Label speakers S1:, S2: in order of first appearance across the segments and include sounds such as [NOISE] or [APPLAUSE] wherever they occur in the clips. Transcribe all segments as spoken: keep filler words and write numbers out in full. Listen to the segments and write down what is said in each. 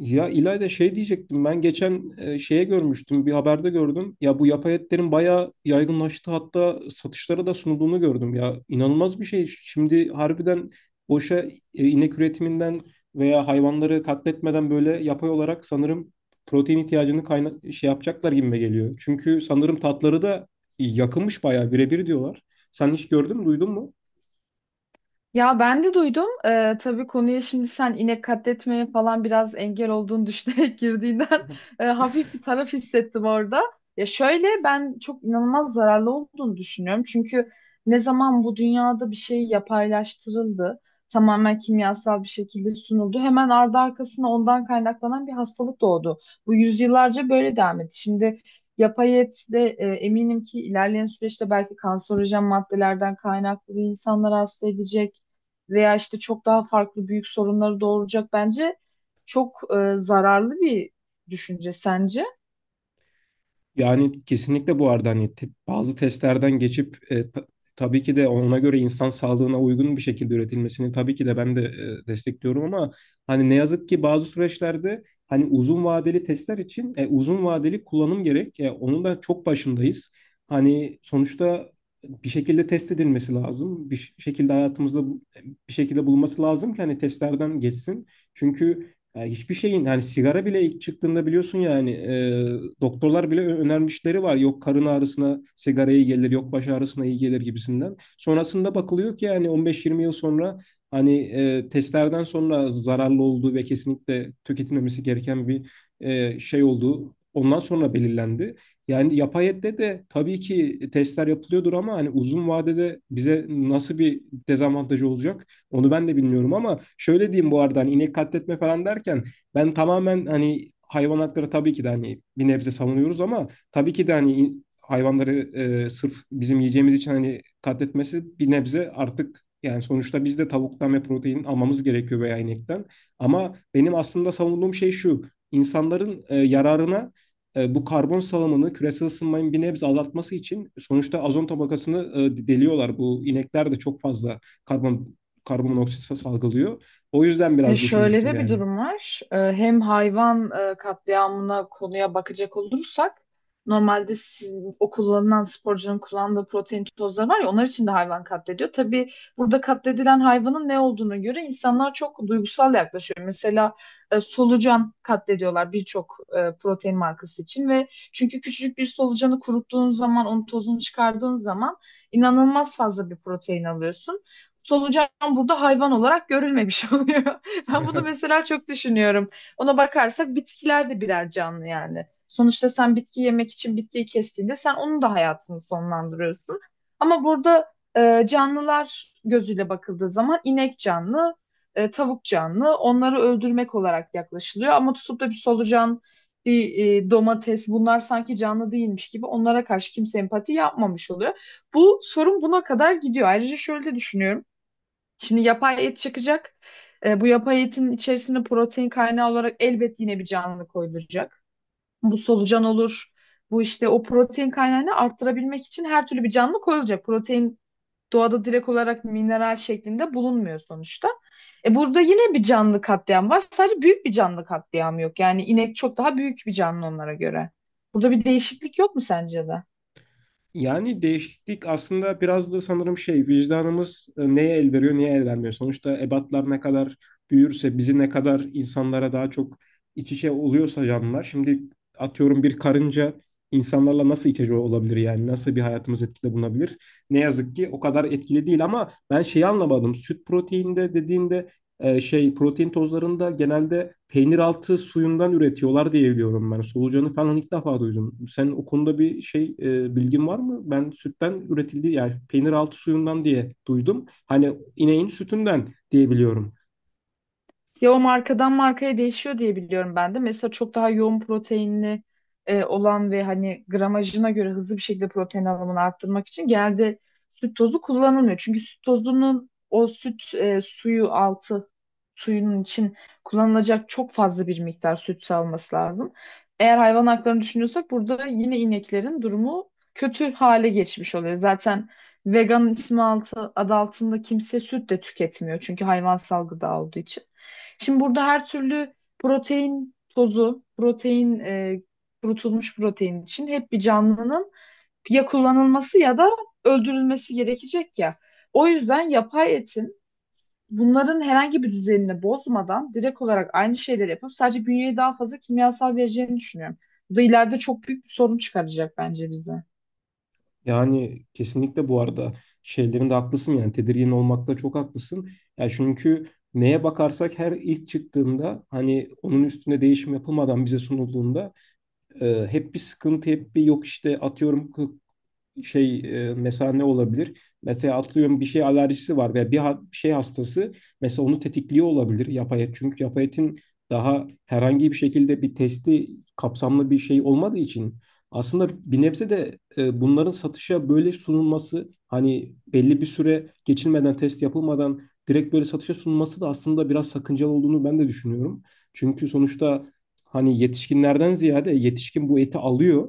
S1: Ya İlayda şey diyecektim ben geçen e, şeye görmüştüm bir haberde gördüm. Ya bu yapay etlerin bayağı yaygınlaştı, hatta satışlara da sunulduğunu gördüm. Ya inanılmaz bir şey. Şimdi harbiden boşa e, inek üretiminden veya hayvanları katletmeden böyle yapay olarak sanırım protein ihtiyacını kayna şey yapacaklar gibime geliyor. Çünkü sanırım tatları da yakınmış, bayağı birebir diyorlar. Sen hiç gördün mü, duydun mu?
S2: Ya ben de duydum. Ee, tabii konuya şimdi sen inek katletmeye falan biraz engel olduğunu düşünerek [LAUGHS] girdiğinden
S1: [LAUGHS]
S2: e, hafif bir taraf hissettim orada. Ya şöyle ben çok inanılmaz zararlı olduğunu düşünüyorum. Çünkü ne zaman bu dünyada bir şey yapaylaştırıldı, tamamen kimyasal bir şekilde sunuldu, hemen ardı arkasına ondan kaynaklanan bir hastalık doğdu. Bu yüzyıllarca böyle devam etti. Şimdi yapay et de e, eminim ki ilerleyen süreçte belki kanserojen maddelerden kaynaklı insanlar hasta edecek veya işte çok daha farklı büyük sorunları doğuracak bence çok e, zararlı bir düşünce sence?
S1: Yani kesinlikle bu arada hani te- bazı testlerden geçip e, ta- tabii ki de ona göre insan sağlığına uygun bir şekilde üretilmesini tabii ki de ben de e, destekliyorum, ama hani ne yazık ki bazı süreçlerde hani uzun vadeli testler için e, uzun vadeli kullanım gerek. E, onun da çok başındayız. Hani sonuçta bir şekilde test edilmesi lazım. Bir ş- şekilde hayatımızda bu- e, bir şekilde bulunması lazım ki hani testlerden geçsin. Çünkü ya hiçbir şeyin hani sigara bile ilk çıktığında biliyorsun, yani e, doktorlar bile ö- önermişleri var. Yok karın ağrısına sigara iyi gelir, yok baş ağrısına iyi gelir gibisinden. Sonrasında bakılıyor ki yani on beş yirmi yıl sonra hani e, testlerden sonra zararlı olduğu ve kesinlikle tüketilmemesi gereken bir e, şey olduğu ondan sonra belirlendi. Yani yapay ette de tabii ki testler yapılıyordur, ama hani uzun vadede bize nasıl bir dezavantajı olacak? Onu ben de bilmiyorum, ama şöyle diyeyim, bu arada hani inek katletme falan derken ben tamamen hani hayvan hakları tabii ki de hani bir nebze savunuyoruz, ama tabii ki de hani in- hayvanları e, sırf bizim yiyeceğimiz için hani katletmesi bir nebze artık, yani sonuçta biz de tavuktan ve protein almamız gerekiyor veya inekten. Ama benim aslında savunduğum şey şu. İnsanların e, yararına e, bu karbon salımını, küresel ısınmayı bir nebze azaltması için sonuçta ozon tabakasını e, deliyorlar. Bu inekler de çok fazla karbon karbonmonoksit salgılıyor. O yüzden
S2: E,
S1: biraz
S2: Şöyle
S1: düşünmüştüm
S2: de bir
S1: yani.
S2: durum var. E, Hem hayvan e, katliamına konuya bakacak olursak normalde sizin, o kullanılan sporcunun kullandığı protein tozları var ya onlar için de hayvan katlediyor. Tabii burada katledilen hayvanın ne olduğunu göre insanlar çok duygusal yaklaşıyor. Mesela e, solucan katlediyorlar birçok e, protein markası için ve çünkü küçücük bir solucanı kuruttuğun zaman onun tozunu çıkardığın zaman inanılmaz fazla bir protein alıyorsun. Solucan burada hayvan olarak görülmemiş [LAUGHS] oluyor. [LAUGHS] Ben bunu
S1: [LAUGHS]
S2: mesela çok düşünüyorum. Ona bakarsak bitkiler de birer canlı yani. Sonuçta sen bitki yemek için bitkiyi kestiğinde sen onun da hayatını sonlandırıyorsun. Ama burada e, canlılar gözüyle bakıldığı zaman inek canlı, e, tavuk canlı. Onları öldürmek olarak yaklaşılıyor. Ama tutup da bir solucan, bir e, domates bunlar sanki canlı değilmiş gibi onlara karşı kimse empati yapmamış oluyor. Bu sorun buna kadar gidiyor. Ayrıca şöyle de düşünüyorum. Şimdi yapay et çıkacak. E, bu yapay etin içerisine protein kaynağı olarak elbet yine bir canlı koyulacak. Bu solucan olur. Bu işte o protein kaynağını arttırabilmek için her türlü bir canlı koyulacak. Protein doğada direkt olarak mineral şeklinde bulunmuyor sonuçta. E burada yine bir canlı katliam var. Sadece büyük bir canlı katliamı yok. Yani inek çok daha büyük bir canlı onlara göre. Burada bir değişiklik yok mu sence de?
S1: Yani değişiklik aslında biraz da sanırım şey, vicdanımız e, neye el veriyor, neye el vermiyor. Sonuçta ebatlar ne kadar büyürse bizi ne kadar insanlara daha çok iç içe oluyorsa canlılar. Şimdi atıyorum bir karınca insanlarla nasıl iç içe olabilir, yani nasıl bir hayatımız etkide bulunabilir? Ne yazık ki o kadar etkili değil, ama ben şeyi anlamadım. Süt proteinde dediğinde e, şey protein tozlarında genelde peynir altı suyundan üretiyorlar diye biliyorum ben. Solucanı falan ilk defa duydum. Sen o konuda bir şey e, bilgin var mı? Ben sütten üretildiği, yani peynir altı suyundan diye duydum. Hani ineğin sütünden diye biliyorum.
S2: Ya o markadan markaya değişiyor diye biliyorum ben de. Mesela çok daha yoğun proteinli e, olan ve hani gramajına göre hızlı bir şekilde protein alımını arttırmak için genelde süt tozu kullanılmıyor. Çünkü süt tozunun o süt e, suyu altı suyunun için kullanılacak çok fazla bir miktar süt salması lazım. Eğer hayvan haklarını düşünüyorsak burada yine ineklerin durumu kötü hale geçmiş oluyor. Zaten vegan ismi altı, adı altında kimse süt de tüketmiyor çünkü hayvansal gıda olduğu için. Şimdi burada her türlü protein tozu, protein e, kurutulmuş protein için hep bir canlının ya kullanılması ya da öldürülmesi gerekecek ya. O yüzden yapay etin bunların herhangi bir düzenini bozmadan direkt olarak aynı şeyleri yapıp sadece bünyeye daha fazla kimyasal vereceğini düşünüyorum. Bu da ileride çok büyük bir sorun çıkaracak bence bize.
S1: Yani kesinlikle bu arada şeylerinde haklısın, yani tedirgin olmakta çok haklısın. Yani çünkü neye bakarsak her ilk çıktığında hani onun üstüne değişim yapılmadan bize sunulduğunda, E, hep bir sıkıntı, hep bir yok işte atıyorum k- şey e, mesela ne olabilir? Mesela atlıyorum bir şey alerjisi var veya bir, ha- bir şey hastası, mesela onu tetikliyor olabilir yapay et. Çünkü yapay etin daha herhangi bir şekilde bir testi, kapsamlı bir şey olmadığı için aslında bir nebze de e, bunların satışa böyle sunulması, hani belli bir süre geçilmeden, test yapılmadan direkt böyle satışa sunulması da aslında biraz sakıncalı olduğunu ben de düşünüyorum. Çünkü sonuçta hani yetişkinlerden ziyade yetişkin bu eti alıyor.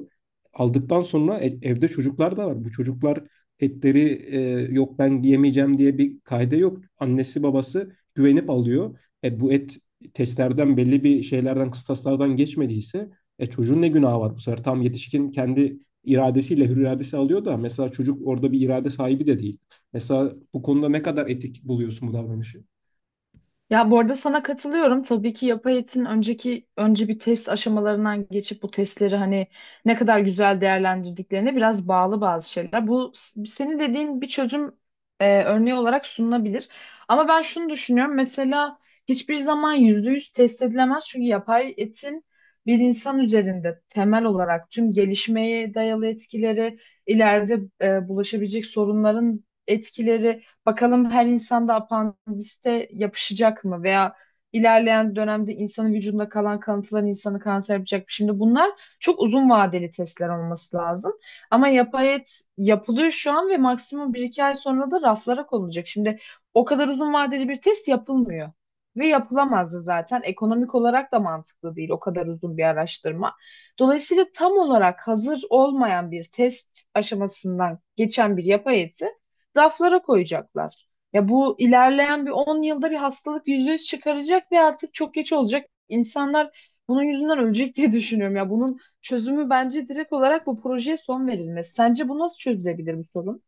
S1: Aldıktan sonra e- evde çocuklar da var. Bu çocuklar etleri e, yok ben yemeyeceğim diye bir kaide yok. Annesi babası güvenip alıyor. E, bu et testlerden, belli bir şeylerden, kıstaslardan geçmediyse e, çocuğun ne günahı var bu sefer? Tam yetişkin kendi iradesiyle, hür iradesi alıyor da mesela çocuk orada bir irade sahibi de değil. Mesela bu konuda ne kadar etik buluyorsun bu davranışı?
S2: Ya bu arada sana katılıyorum. Tabii ki yapay etin önceki önce bir test aşamalarından geçip bu testleri hani ne kadar güzel değerlendirdiklerine biraz bağlı bazı şeyler. Bu s- senin dediğin bir çözüm e, örneği olarak sunulabilir. Ama ben şunu düşünüyorum. Mesela hiçbir zaman yüzde yüz test edilemez. Çünkü yapay etin bir insan üzerinde temel olarak tüm gelişmeye dayalı etkileri, ileride e, bulaşabilecek sorunların etkileri Bakalım her insanda apandiste yapışacak mı veya ilerleyen dönemde insanın vücudunda kalan kalıntılar insanı kanser yapacak mı? Şimdi bunlar çok uzun vadeli testler olması lazım. Ama yapay et yapılıyor şu an ve maksimum bir iki ay sonra da raflara konulacak. Şimdi o kadar uzun vadeli bir test yapılmıyor. Ve yapılamazdı zaten. Ekonomik olarak da mantıklı değil o kadar uzun bir araştırma. Dolayısıyla tam olarak hazır olmayan bir test aşamasından geçen bir yapay eti raflara koyacaklar. Ya bu ilerleyen bir on yılda bir hastalık yüzde yüz çıkaracak ve artık çok geç olacak. İnsanlar bunun yüzünden ölecek diye [LAUGHS] düşünüyorum. Ya bunun çözümü bence direkt olarak bu projeye son verilmesi. Sence bu nasıl çözülebilir bu sorun?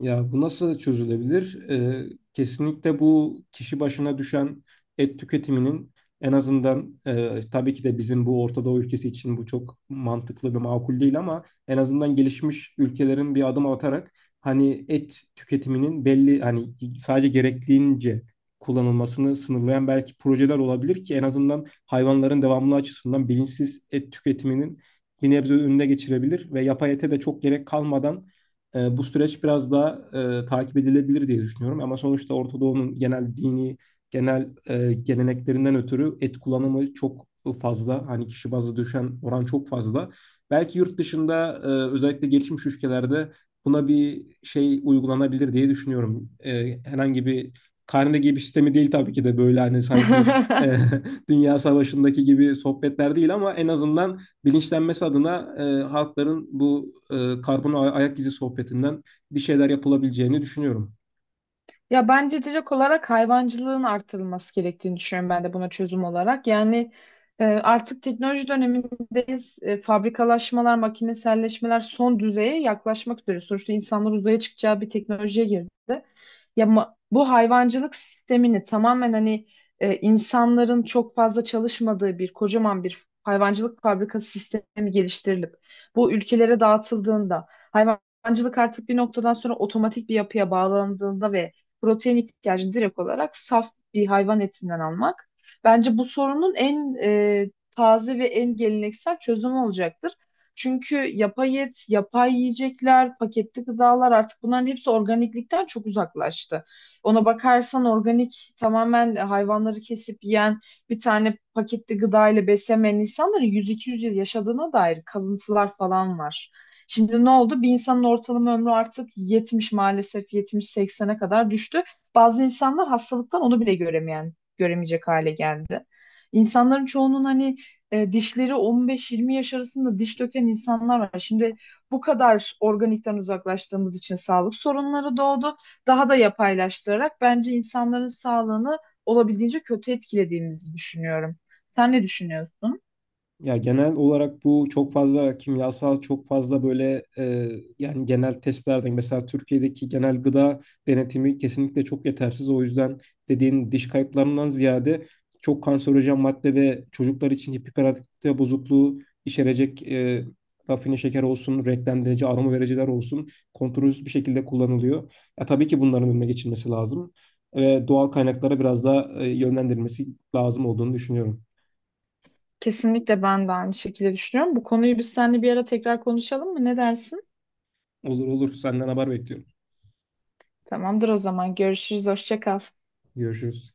S1: Ya bu nasıl çözülebilir? Ee, kesinlikle bu kişi başına düşen et tüketiminin en azından, e, tabii ki de bizim bu Orta Doğu ülkesi için bu çok mantıklı ve makul değil, ama en azından gelişmiş ülkelerin bir adım atarak hani et tüketiminin belli, hani sadece gerektiğince kullanılmasını sınırlayan belki projeler olabilir ki en azından hayvanların devamlı açısından bilinçsiz et tüketiminin bir nebze önüne geçirebilir ve yapay ete de çok gerek kalmadan e, bu süreç biraz daha e, takip edilebilir diye düşünüyorum. Ama sonuçta Orta Doğu'nun genel dini, genel e, geleneklerinden ötürü et kullanımı çok fazla. Hani kişi bazlı düşen oran çok fazla. Belki yurt dışında e, özellikle gelişmiş ülkelerde buna bir şey uygulanabilir diye düşünüyorum. E, herhangi bir karne gibi bir sistemi değil tabii ki de, böyle hani sanki e,
S2: [LAUGHS]
S1: [LAUGHS] Dünya Savaşı'ndaki gibi sohbetler değil, ama en azından bilinçlenmesi adına e, halkların bu e, karbon ayak izi sohbetinden bir şeyler yapılabileceğini düşünüyorum.
S2: Ya bence direkt olarak hayvancılığın artırılması gerektiğini düşünüyorum ben de buna çözüm olarak. Yani e, artık teknoloji dönemindeyiz. E, fabrikalaşmalar, makineselleşmeler son düzeye yaklaşmak üzere. Sonuçta insanlar uzaya çıkacağı bir teknolojiye girdi. Ya ma- bu hayvancılık sistemini tamamen hani e, insanların çok fazla çalışmadığı bir kocaman bir hayvancılık fabrikası sistemi geliştirilip bu ülkelere dağıtıldığında hayvancılık artık bir noktadan sonra otomatik bir yapıya bağlandığında ve protein ihtiyacını direkt olarak saf bir hayvan etinden almak bence bu sorunun en e, taze ve en geleneksel çözümü olacaktır. Çünkü yapay et, yapay yiyecekler, paketli gıdalar artık bunların hepsi organiklikten çok uzaklaştı. Ona bakarsan organik tamamen hayvanları kesip yiyen bir tane paketli gıda ile beslemeyen insanların yüz iki yüz yıl yaşadığına dair kalıntılar falan var. Şimdi ne oldu? Bir insanın ortalama ömrü artık yetmiş maalesef yetmiş seksene kadar düştü. Bazı insanlar hastalıktan onu bile göremeyen, göremeyecek hale geldi. İnsanların çoğunun hani e, dişleri on beş yirmi yaş arasında diş döken insanlar var. Şimdi bu kadar organikten uzaklaştığımız için sağlık sorunları doğdu. Daha da yapaylaştırarak bence insanların sağlığını olabildiğince kötü etkilediğimizi düşünüyorum. Sen ne düşünüyorsun?
S1: Ya genel olarak bu çok fazla kimyasal, çok fazla böyle e, yani genel testlerden, mesela Türkiye'deki genel gıda denetimi kesinlikle çok yetersiz. O yüzden dediğin diş kayıplarından ziyade çok kanserojen madde ve çocuklar için hiperaktivite bozukluğu içerecek e, rafine şeker olsun, renklendirici, aroma vericiler olsun kontrolsüz bir şekilde kullanılıyor. Ya tabii ki bunların önüne geçilmesi lazım ve doğal kaynaklara biraz daha e, yönlendirilmesi lazım olduğunu düşünüyorum.
S2: Kesinlikle ben de aynı şekilde düşünüyorum. Bu konuyu biz seninle bir ara tekrar konuşalım mı? Ne dersin?
S1: Olur olur, senden haber bekliyorum.
S2: Tamamdır o zaman. Görüşürüz. Hoşça kal.
S1: Görüşürüz.